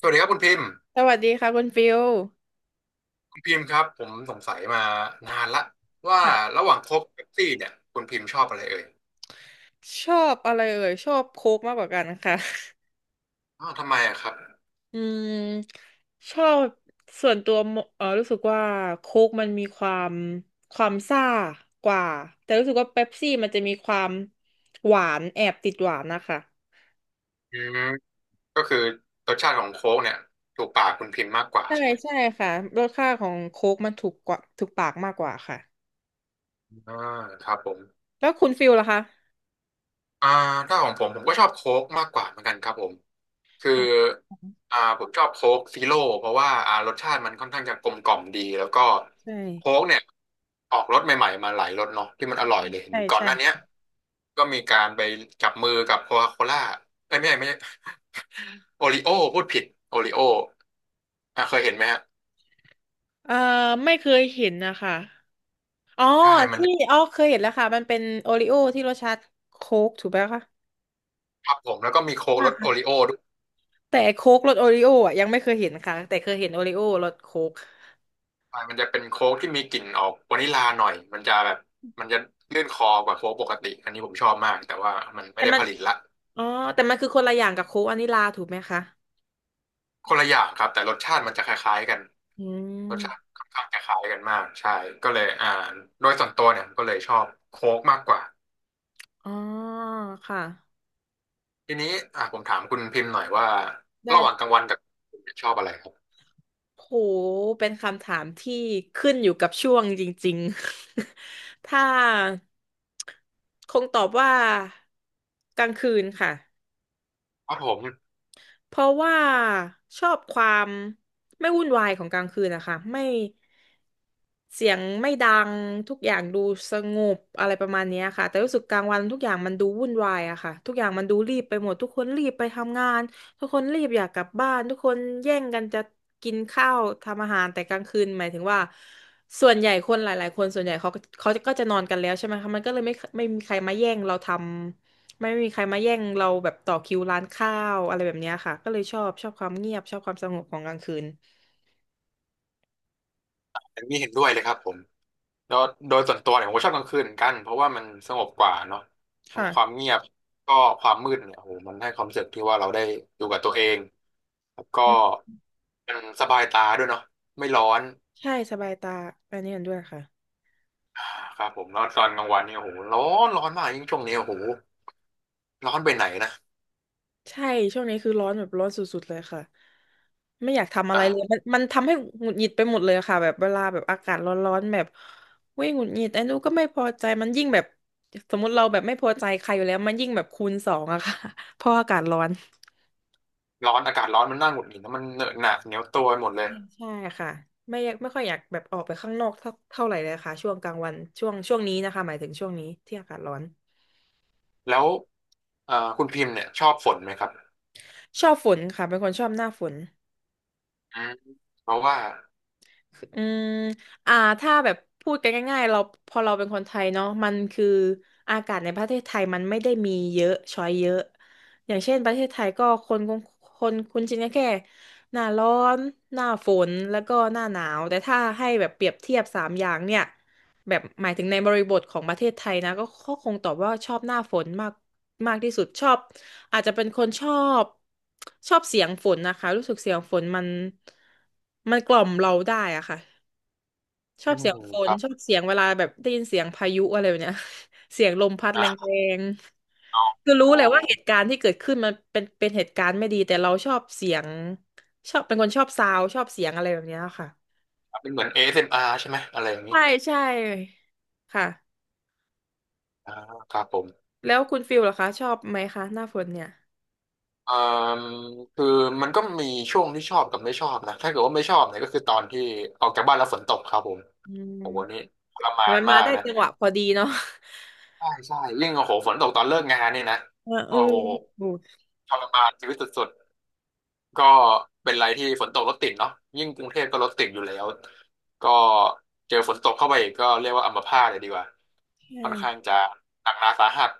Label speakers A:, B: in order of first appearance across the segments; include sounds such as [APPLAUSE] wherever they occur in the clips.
A: สวัสดีครับคุณพิมพ์
B: สวัสดีค่ะคุณฟิล
A: คุณพิมพ์ครับผมสงสัยมานานละว่า
B: ค่ะ
A: ระหว่างโค้กเป๊ปซี่เนี่ยคุณพิมพ์ชอบอะไรเอ่ย
B: ชอบอะไรเอ่ยชอบโค้กมากกว่ากันค่ะ
A: อ้าวทำไมอะครับ
B: [LAUGHS] อืมชอบส่วนตัวมเออรู้สึกว่าโค้กมันมีความซ่ากว่าแต่รู้สึกว่าเป๊ปซี่มันจะมีความหวานแอบติดหวานนะคะ
A: อืมก็คือรสชาติของโค้กเนี่ยถูกปากคุณพิมพ์มากกว่า
B: ใช่
A: ใช่ไหม
B: ใช่ค่ะรสชาติของโค้กมันถูกปากมากกว่าค่ะ
A: อ่าครับผม
B: แล้วคุณฟิลล่ะคะ
A: อ่าถ้าของผมผมก็ชอบโค้กมากกว่าเหมือนกันครับผม คือ
B: อ๋อ
A: ผมชอบโค้กซีโร่เพราะว่ารสชาติมันค่อนข้างจะกลมกล่อมดีแล้วก็
B: ใช่
A: โค้กเนี่ยออกรสใหม่ๆมาหลายรสเนาะที่มันอร่อยเลยเห็น
B: ใช่
A: ก่อน
B: ใช่
A: หน้าเนี้ยก็มีการไปจับมือกับโคคาโคล่าเอ้ยไม่ใช่ไม่ใช่ [LAUGHS] โอริโอพูดผิดโอริโออ่ะเคยเห็นไหมฮะ
B: เอ่อไม่เคยเห็นนะคะ อ๋อ
A: ใช่มัน
B: ที่อ๋อเคยเห็นแล้วค่ะมันเป็นโอริโอที่รสชาติโค้กถูกไหมคะ
A: ทับผมแล้วก็มีโค้กรสโอ
B: อ่า
A: ริโอด้วย
B: แต่โค้กรสโอริโออ่ะยังไม่เคยเห็นค่ะแต่เคยเห็นโอริโอรสโค้ก
A: ใช่มันจะเป็นโค้กที่มีกลิ่นออกวานิลลาหน่อยมันจะแบบมันจะลื่นคอกว่าโค้กปกติอันนี้ผมชอบมากแต่ว่ามันไม่
B: แต่
A: ได้
B: มัน
A: ผลิตละ
B: อ๋อแต่มันคือคนละอย่างกับโค้กวานิลลาถูกไหมคะ
A: คนละอย่างครับแต่รสชาติมันจะคล้ายๆกัน
B: อื
A: รสชาติ
B: ม
A: ค่อนข้างจะคล้ายกันมากใช่ก็เลยโดยส่วนตัวเนี่ยก็เลยชอบโค้กมากกว่า
B: อ๋อค่ะ
A: ทีนี้ผมถามคุณพิมพ์หน่อยว่า
B: ได้
A: ระหว่างกลา
B: ค่ะ
A: งวันกับคุณชอบอะไรครับ
B: โหเป็นคำถามที่ขึ้นอยู่กับช่วงจริงๆ [LAUGHS] ถ้าคงตอบว่ากลางคืนค่ะ
A: ครับผม
B: เพราะว่าชอบความไม่วุ่นวายของกลางคืนนะคะไม่เสียงไม่ดังทุกอย่างดูสงบอะไรประมาณเนี้ยค่ะแต่รู้สึกกลางวันทุกอย่างมันดูวุ่นวายอะค่ะทุกอย่างมันดูรีบไปหมดทุกคนรีบไปทำงานทุกคนรีบอยากกลับบ้านทุกคนแย่งกันจะกินข้าวทำอาหารแต่กลางคืนหมายถึงว่าส่วนใหญ่คนหลายๆคนส่วนใหญ่เขาก็จะนอนกันแล้วใช่ไหมคะมันก็เลยไม่มีใครมาแย่งเราทำ ไม่มีใครมาแย่งเราแบบต่อคิวร้านข้าวอะไรแบบเนี้ยค่ะก็เลยชอบความเงียบชอบความสงบของกลางคืน
A: อันนี้เห็นด้วยเลยครับผมแล้วโดยส่วนตัวเนี่ยผมก็ชอบกลางคืนเหมือนกันเพราะว่ามันสงบกว่าเนาะทั้งความ
B: ค่ะ
A: เงียบก็ความมืดเนี่ยโอ้โหมันให้ความรู้สึกที่ว่าเราได้อยู่กับตัวเองแล้วก็
B: อืม
A: มันสบายตาด้วยเนาะไม่ร้อน
B: ใช่สบายตาอันนี้เห็นด้วยค่ะ
A: ครับผมแล้วตอนกลางวันเนี่ยโอ้โหร้อนร้อนมากยิ่งช่วงนี้โอ้โหร้อนไปไหนนะ
B: ใช่ช่วงนี้คือร้อนแบบร้อนสุดๆเลยค่ะไม่อยากทำอะไร
A: อ่ะ
B: เลยมันทำให้หงุดหงิดไปหมดเลยค่ะแบบเวลาแบบอากาศร้อนๆแบบเว้ยหงุดหงิดไอ้นู้นก็ไม่พอใจมันยิ่งแบบสมมติเราแบบไม่พอใจใครอยู่แล้วมันยิ่งแบบคูณสองอะค่ะ [LAUGHS] เพราะอากาศร้อน
A: ร้อนอากาศร้อนมันน่าหงุดหงิดนะมันเหนอะหนะเหนียวตัวไปหมดเลย
B: ใช่ค่ะไม่ค่อยอยากแบบออกไปข้างนอกเท่าไหร่เลยค่ะช่วงกลางวันช่วงนี้นะคะหมายถึงช่วงนี้ที่อากาศร้อน
A: แล้วคุณพิมพ์เนี่ยชอบฝนไหมครับ
B: ชอบฝนค่ะเป็นคนชอบหน้าฝน
A: อืมเพราะว่า
B: อืมอ่าถ้าแบบพูดกันง่ายๆเราพอเราเป็นคนไทยเนาะมันคืออากาศในประเทศไทยมันไม่ได้มีเยอะช้อยเยอะอย่างเช่นประเทศไทยก็คนคงคุ้นชินกันแค่หน้าร้อนหน้าฝนแล้วก็หน้าหนาวแต่ถ้าให้แบบเปรียบเทียบสามอย่างเนี่ย แบบหมายถึงในบริบทของประเทศไทยนะก็คงตอบว่าชอบหน้าฝนมากมากที่สุดชอบอาจจะเป็นคนชอบชอบเสียงฝนนะคะรู้สึกเสียงฝนมันกล่อมเราได้อะค่ะชอ
A: อื
B: บ
A: ม
B: เสียงฝ
A: ค
B: น
A: รับ
B: ชอบเสียงเวลาแบบได้ยินเสียงพายุอะไรแบบเนี้ย [LAUGHS] เสียงลมพัดแร
A: อ่ะ
B: ง
A: อ๋อ
B: ๆคือรู้
A: อ๋อ
B: เลยว่าเหตุการณ์ที่เกิดขึ้นมันเป็นเป็นเหตุการณ์ไม่ดีแต่เราชอบเสียงชอบเป็นคนชอบซาวด์ชอบเสียงอะไรแบบเนี้ยค่ะ
A: เป็นเหมือน a า m r ใช่ไหมอะไรอย่างนี้
B: ใช่ใช่ค่ะ
A: อ่าครับผม
B: แล้วคุณฟิลเหรอคะชอบไหมคะหน้าฝนเนี่ย
A: เอ่อคือมันก็มีช่วงที่ชอบกับไม่ชอบนะถ้าเกิดว่าไม่ชอบเนี่ยก็คือตอนที่ออกจากบ้านแล้วฝนตกครับผม
B: อื
A: โอ้โหนี่
B: ม
A: ทร
B: แต่
A: มาน
B: มันมา
A: มาก
B: ได้
A: นะ
B: จังหวะพอดีเนาะ
A: ใช่ใช่ยิ่งโอ้โหฝนตกตอนเลิกงานเนี่ยนะ
B: [LAUGHS] เออเอ
A: โอ้
B: อ
A: โห
B: โอ้
A: ทรมานชีวิตสุดๆก็เป็นไรที่ฝนตกรถติดเนาะยิ่งกรุงเทพก็รถติดอยู่แล้วก็เจอฝนตกเข้าไปอีกก็เรียกว่าอัมพาตเลยดีกว่าค่
B: ใช่
A: อนข้างจะหนักหนาสาหัส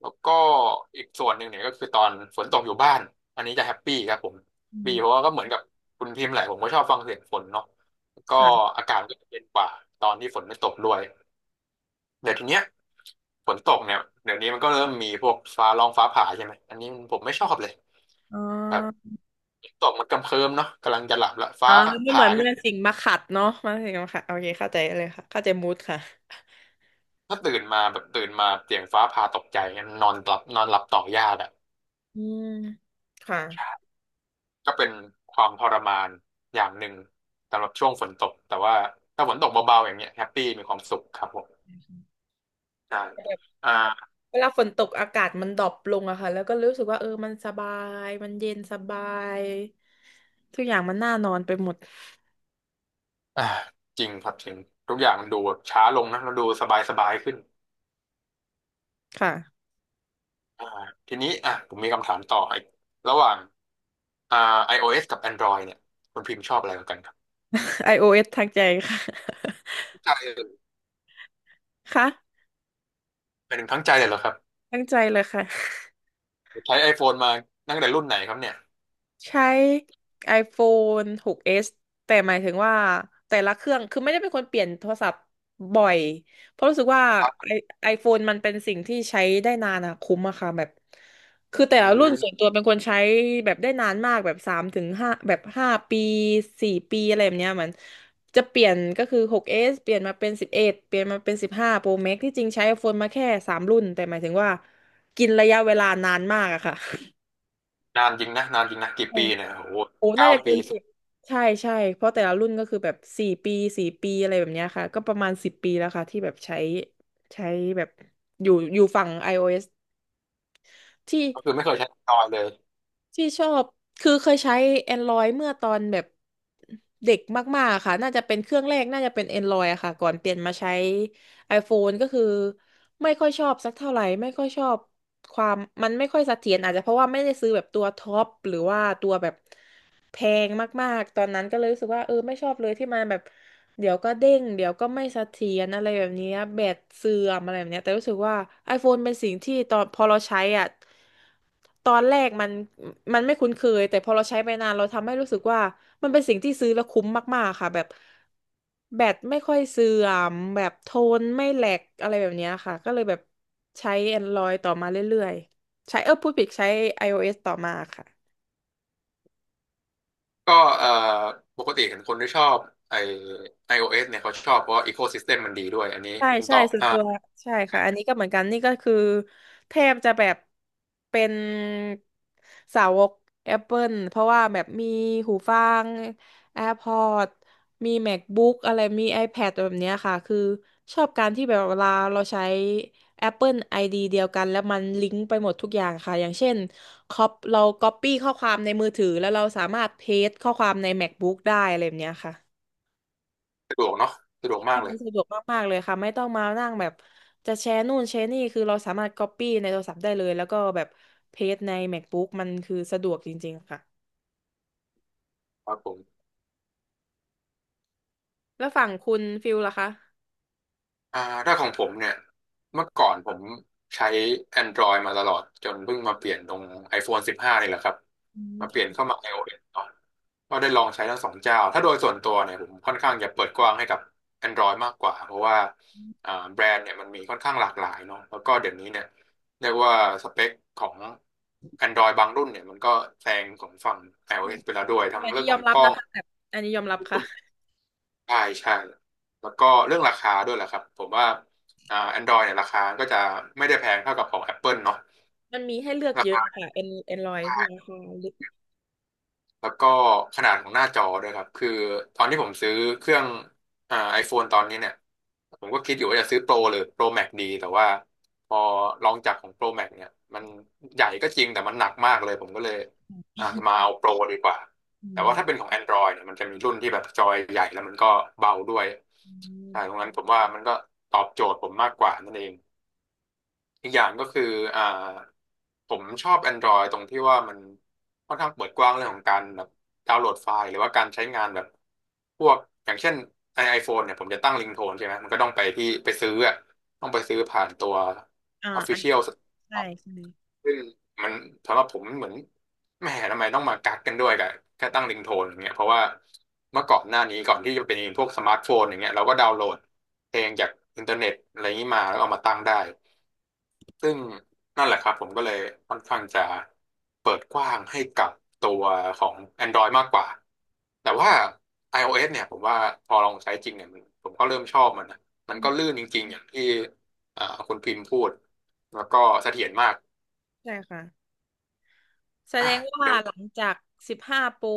A: แล้วก็อีกส่วนหนึ่งเนี่ยก็คือตอนฝนตกอยู่บ้านอันนี้จะแฮปปี้ครับผม
B: อื
A: บี
B: ม
A: เพราะว่าก็เหมือนกับคุณพิมพ์แหละผมก็ชอบฟังเสียงฝนเนาะแล้วก็
B: ค่ะ
A: อากาศก็จะเย็นกว่าตอนที่ฝนไม่ตกด้วย เดี๋ยวทีเนี้ยฝนตกเนี่ยเดี๋ยวนี้มันก็เริ่มมีพวกฟ้าร้องฟ้าผ่าใช่ไหมอันนี้ผมไม่ชอบเลย
B: อ๋
A: แบบ
B: อ
A: ตกมันกำเคิมเนาะกำลังจะหลับละฟ้า
B: อ๋อไม่เห
A: ผ่า
B: มือน
A: ขึ้น
B: เมื่อสิ่งมาขัดเนาะสิ่งมาขัดโอเคเข้าใจเลยค่ะเข้าใจมูดค่ะ
A: ถ้าตื่นมาแบบตื่นมาเสียงฟ้าผ่าตกใจงั้นนอนหลับนอนหลับต่อยากอะ
B: อืมค่ะ
A: ก็เป็นความทรมานอย่างหนึ่งสำหรับช่วงฝนตกแต่ว่าถ้าฝนตกเบาๆอย่างเงี้ยแฮปปี้มีความสุขครับผมใช่อ่า
B: เวลาฝนตกอากาศมันดรอปลงอะค่ะแล้วก็รู้สึกว่าเออมันสบายมันเย็นสบายทุกอย่างมันน่านอนไปหมด
A: อ่าจริงครับจริงทุกอย่างมันดูแบบช้าลงนะมันดูสบายๆขึ้น
B: ค่ะ
A: อ่าทีนี้อ่ะผมมีคำถามต่ออีกระหว่างอ่า iOS กับ Android เนี่ยคุณพิมพ์ชอบอะไรกว่ากันครับ
B: [LAUGHS] iOS ทางใจค่ะ [LAUGHS]
A: ทั้งใจเลย
B: ค่ะ
A: เป็นหนึ่งทั้งใจเลยเหรอครับ
B: ทั้งใจเลยค่ะ
A: ใช้ iPhone มาตั้งแต่รุ่นไหนครับเนี่ย
B: ใช้ iPhone 6s แต่หมายถึงว่าแต่ละเครื่องคือไม่ได้เป็นคนเปลี่ยนโทรศัพท์บ่อยเพราะรู้สึกว่า
A: ครั
B: ไอ
A: บ
B: ไอโฟนมันเป็นสิ่งที่ใช้ได้นานอะคุ้มอะค่ะแบบคือ
A: อื
B: แต่ละ
A: ม
B: รุ่นส่วนตัวเป็นคนใช้แบบได้นานมากแบบสามถึงห้าแบบห้าปีสี่ปีอะไรแบบเนี้ยมันจะเปลี่ยนก็คือ 6s เอสเปลี่ยนมาเป็น11เอ็ดเปลี่ยนมาเป็น15 Pro Max ที่จริงใช้ iPhone มาแค่สามรุ่นแต่หมายถึงว่ากินระยะเวลานานมากอะค่ะ
A: นานจริงนะนานจริงนะกี่ปีเนี่ยโอ้โห
B: [LAUGHS] โอ้น่า
A: เก้า
B: จะเกิ
A: ปี
B: น
A: สิ
B: สิ
A: บ
B: บใช่ใช่เพราะแต่ละรุ่นก็คือแบบสี่ปีสี่ปีอะไรแบบเนี้ยค่ะ ก็ประมาณสิบปีแล้วค่ะที่แบบใช้ใช้แบบอยู่ฝั่ง iOS ที่
A: ก็คือไม่เคยใช้ Android เลย
B: ที่ชอบคือเคยใช้ Android เมื่อตอนแบบเด็กมากๆค่ะน่าจะเป็นเครื่องแรกน่าจะเป็น Android อะค่ะก่อนเปลี่ยนมาใช้ iPhone ก็คือไม่ค่อยชอบสักเท่าไหร่ไม่ค่อยชอบความมันไม่ค่อยเสถียรอาจจะเพราะว่าไม่ได้ซื้อแบบตัวท็อปหรือว่าตัวแบบแพงมากๆตอนนั้นก็เลยรู้สึกว่าเออไม่ชอบเลยที่มันแบบเดี๋ยวก็เด้งเดี๋ยวก็ไม่เสถียรอะไรแบบนี้แบตเสื่อมอะไรแบบเนี้ยแต่รู้สึกว่า iPhone เป็นสิ่งที่ตอนพอเราใช้อ่ะ ตอนแรกมันไม่คุ้นเคยแต่พอเราใช้ไปนานเราทำให้รู้สึกว่ามันเป็นสิ่งที่ซื้อแล้วคุ้มมากๆค่ะแบบแบตไม่ค่อยเสื่อมแบบโทนไม่แหลกอะไรแบบเนี้ยค่ะก็เลยแบบใช้ Android ต่อมาเรื่อยๆใช้เออพูดผิดใช้ iOS ต่อมาค่ะ
A: ก็เอ่อปกติเห็นคนที่ชอบไอ iOS เนี่ยเขาชอบเพราะอีโ ecosystem มมันดีด้วยอันนี้
B: ใช่
A: คุณ
B: ใช่
A: ต่อ
B: ส่วนตัวใช่ค่ะอันนี้ก็เหมือนกันนี่ก็คือแทบจะแบบเป็นสาวก Apple เพราะว่าแบบมีหูฟัง AirPods มี MacBook อะไรมี iPad แบบเนี้ยค่ะคือชอบการที่แบบเวลาเราใช้ Apple ID เดียวกันแล้วมันลิงก์ไปหมดทุกอย่างค่ะอย่างเช่นคอปเรา Copy ข้อความในมือถือแล้วเราสามารถเพสข้อความใน MacBook ได้อะไรแบบเนี้ยค่ะ
A: สะดวกเนาะสะดวก
B: ใช่
A: มากเล
B: มั
A: ย
B: นสะดวกมากๆเลยค่ะไม่ต้องมานั่งแบบจะแชร์นู่นแชร์นี่คือเราสามารถ Copy ในโทรศัพท์ได้เลยแล้วก็แบบเพจใน MacBook มันคือสะดวกจริงๆค่ะ
A: ครับผม
B: แล้วฝั่งคุณฟิลล่ะคะ
A: อ่าถ้าของผมเนี่ยเมื่อก่อนผมใช้ Android มาตลอดจนเพิ่งมาเปลี่ยนตรง iPhone 15นี่แหละครับ
B: อืม
A: มาเปลี่ยน
B: ค่ะ
A: เข้ามา iOS ก่อนก็ได้ลองใช้ทั้งสองเจ้าถ้าโดยส่วนตัวเนี่ยผมค่อนข้างจะเปิดกว้างให้กับ Android มากกว่าเพราะว่าแบรนด์เนี่ยมันมีค่อนข้างหลากหลายเนาะแล้วก็เดี๋ยวนี้เนี่ยเรียกว่าสเปคของ Android บางรุ่นเนี่ยมันก็แซงของฝั่ง
B: ใช่
A: iOS ไปแล้วด้วยทั้ง
B: อัน
A: เรื่
B: นี้
A: อง
B: ย
A: ข
B: อ
A: อ
B: ม
A: ง
B: รั
A: ก
B: บ
A: ล้อ
B: นะ
A: ง
B: คะแบบอันนี้ยอมรับค่ะ
A: ใช่ใช่แล้วก็เรื่องราคาด้วยแหละครับผมว่าAndroid เนี่ยราคาก็จะไม่ได้แพงเท่ากับของ Apple เนาะ
B: มันมีให้เลือกเยอะค่ะเอ็นเอ็นรอยราคาลึก
A: แล้วก็ขนาดของหน้าจอด้วยครับคือตอนที่ผมซื้อเครื่องไอโฟนตอนนี้เนี่ยผมก็คิดอยู่ว่าจะซื้อโปรหรือโปรแม็กดีแต่ว่าพอลองจากของโปรแม็กเนี่ยมันใหญ่ก็จริงแต่มันหนักมากเลยผมก็เลยมาเอาโปรดีกว่า
B: อื
A: แต่ว่าถ้าเป็น
B: ม
A: ของ Android เนี่ยมันจะมีรุ่นที่แบบจอยใหญ่แล้วมันก็เบาด้วย
B: อื
A: ใช่
B: ม
A: ตรงนั้นผมว่ามันก็ตอบโจทย์ผมมากกว่านั่นเอง อีกอย่างก็คืออ่าผมชอบ Android ตรงที่ว่ามันค่อนข้างเปิดกว้างเรื่องของการแบบดาวน์โหลดไฟล์หรือว่าการใช้งานแบบพวกอย่างเช่นไอโฟนเนี่ยผมจะตั้งลิงโทนใช่ไหมมันก็ต้องไปที่ไปซื้ออะต้องไปซื้อผ่านตัว
B: อ่าอ่ะ
A: Official
B: ใช่
A: Store
B: ใช่
A: ซึ่งมันสำหรับผมเหมือนแหมทำไมต้องมากักกันด้วยกับแค่ตั้งลิงโทนอย่างเงี้ยเพราะว่าเมื่อก่อนหน้านี้ก่อนที่จะเป็นพวกสมาร์ทโฟนอย่างเงี้ยเราก็ดาวน์โหลดเพลงจากอินเทอร์เน็ตอะไรนี้มาแล้วเอามาตั้งได้ ซึ่งนั่นแหละครับผมก็เลยค่อนข้างจะเปิดกว้างให้กับตัวของ Android มากกว่าแต่ว่า iOS เนี่ยผมว่าพอลองใช้จริงเนี่ยมันผมก็เริ่มชอบมันนะมันก็ลื่นจริงๆอย่างที่คุณพิมพ์พูดแล้วก็เสถียรมาก
B: ใช่ค่ะ แสด
A: อ่ะ
B: งว่า
A: เดี๋ยว
B: หลังจาก15โปร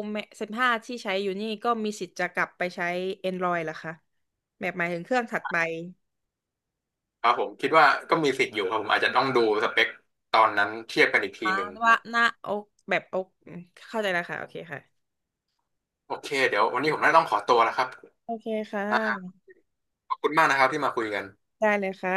B: สิบห้าที่ใช้อยู่นี่ก็มีสิทธิ์จะกลับไปใช้ Android เหรอคะแบบหมายถึงเครื่องถัดไป
A: ครับผมคิดว่าก็มีสิทธิ์อยู่ครับผมอาจจะต้องดูสเปคตอนนั้นเทียบกันอีกที
B: อ่า
A: หนึ่ง
B: ว่า
A: นะ
B: หน้าอกแบบอกเข้าใจแล้วค่ะโอเคค่ะ
A: โอเคเดี๋ยววันนี้ผมน่าจะต้องขอตัวแล้วครับ
B: โอเคค่ะ
A: อ่ะขอบคุณมากนะครับที่มาคุยกัน
B: ได้เลยค่ะ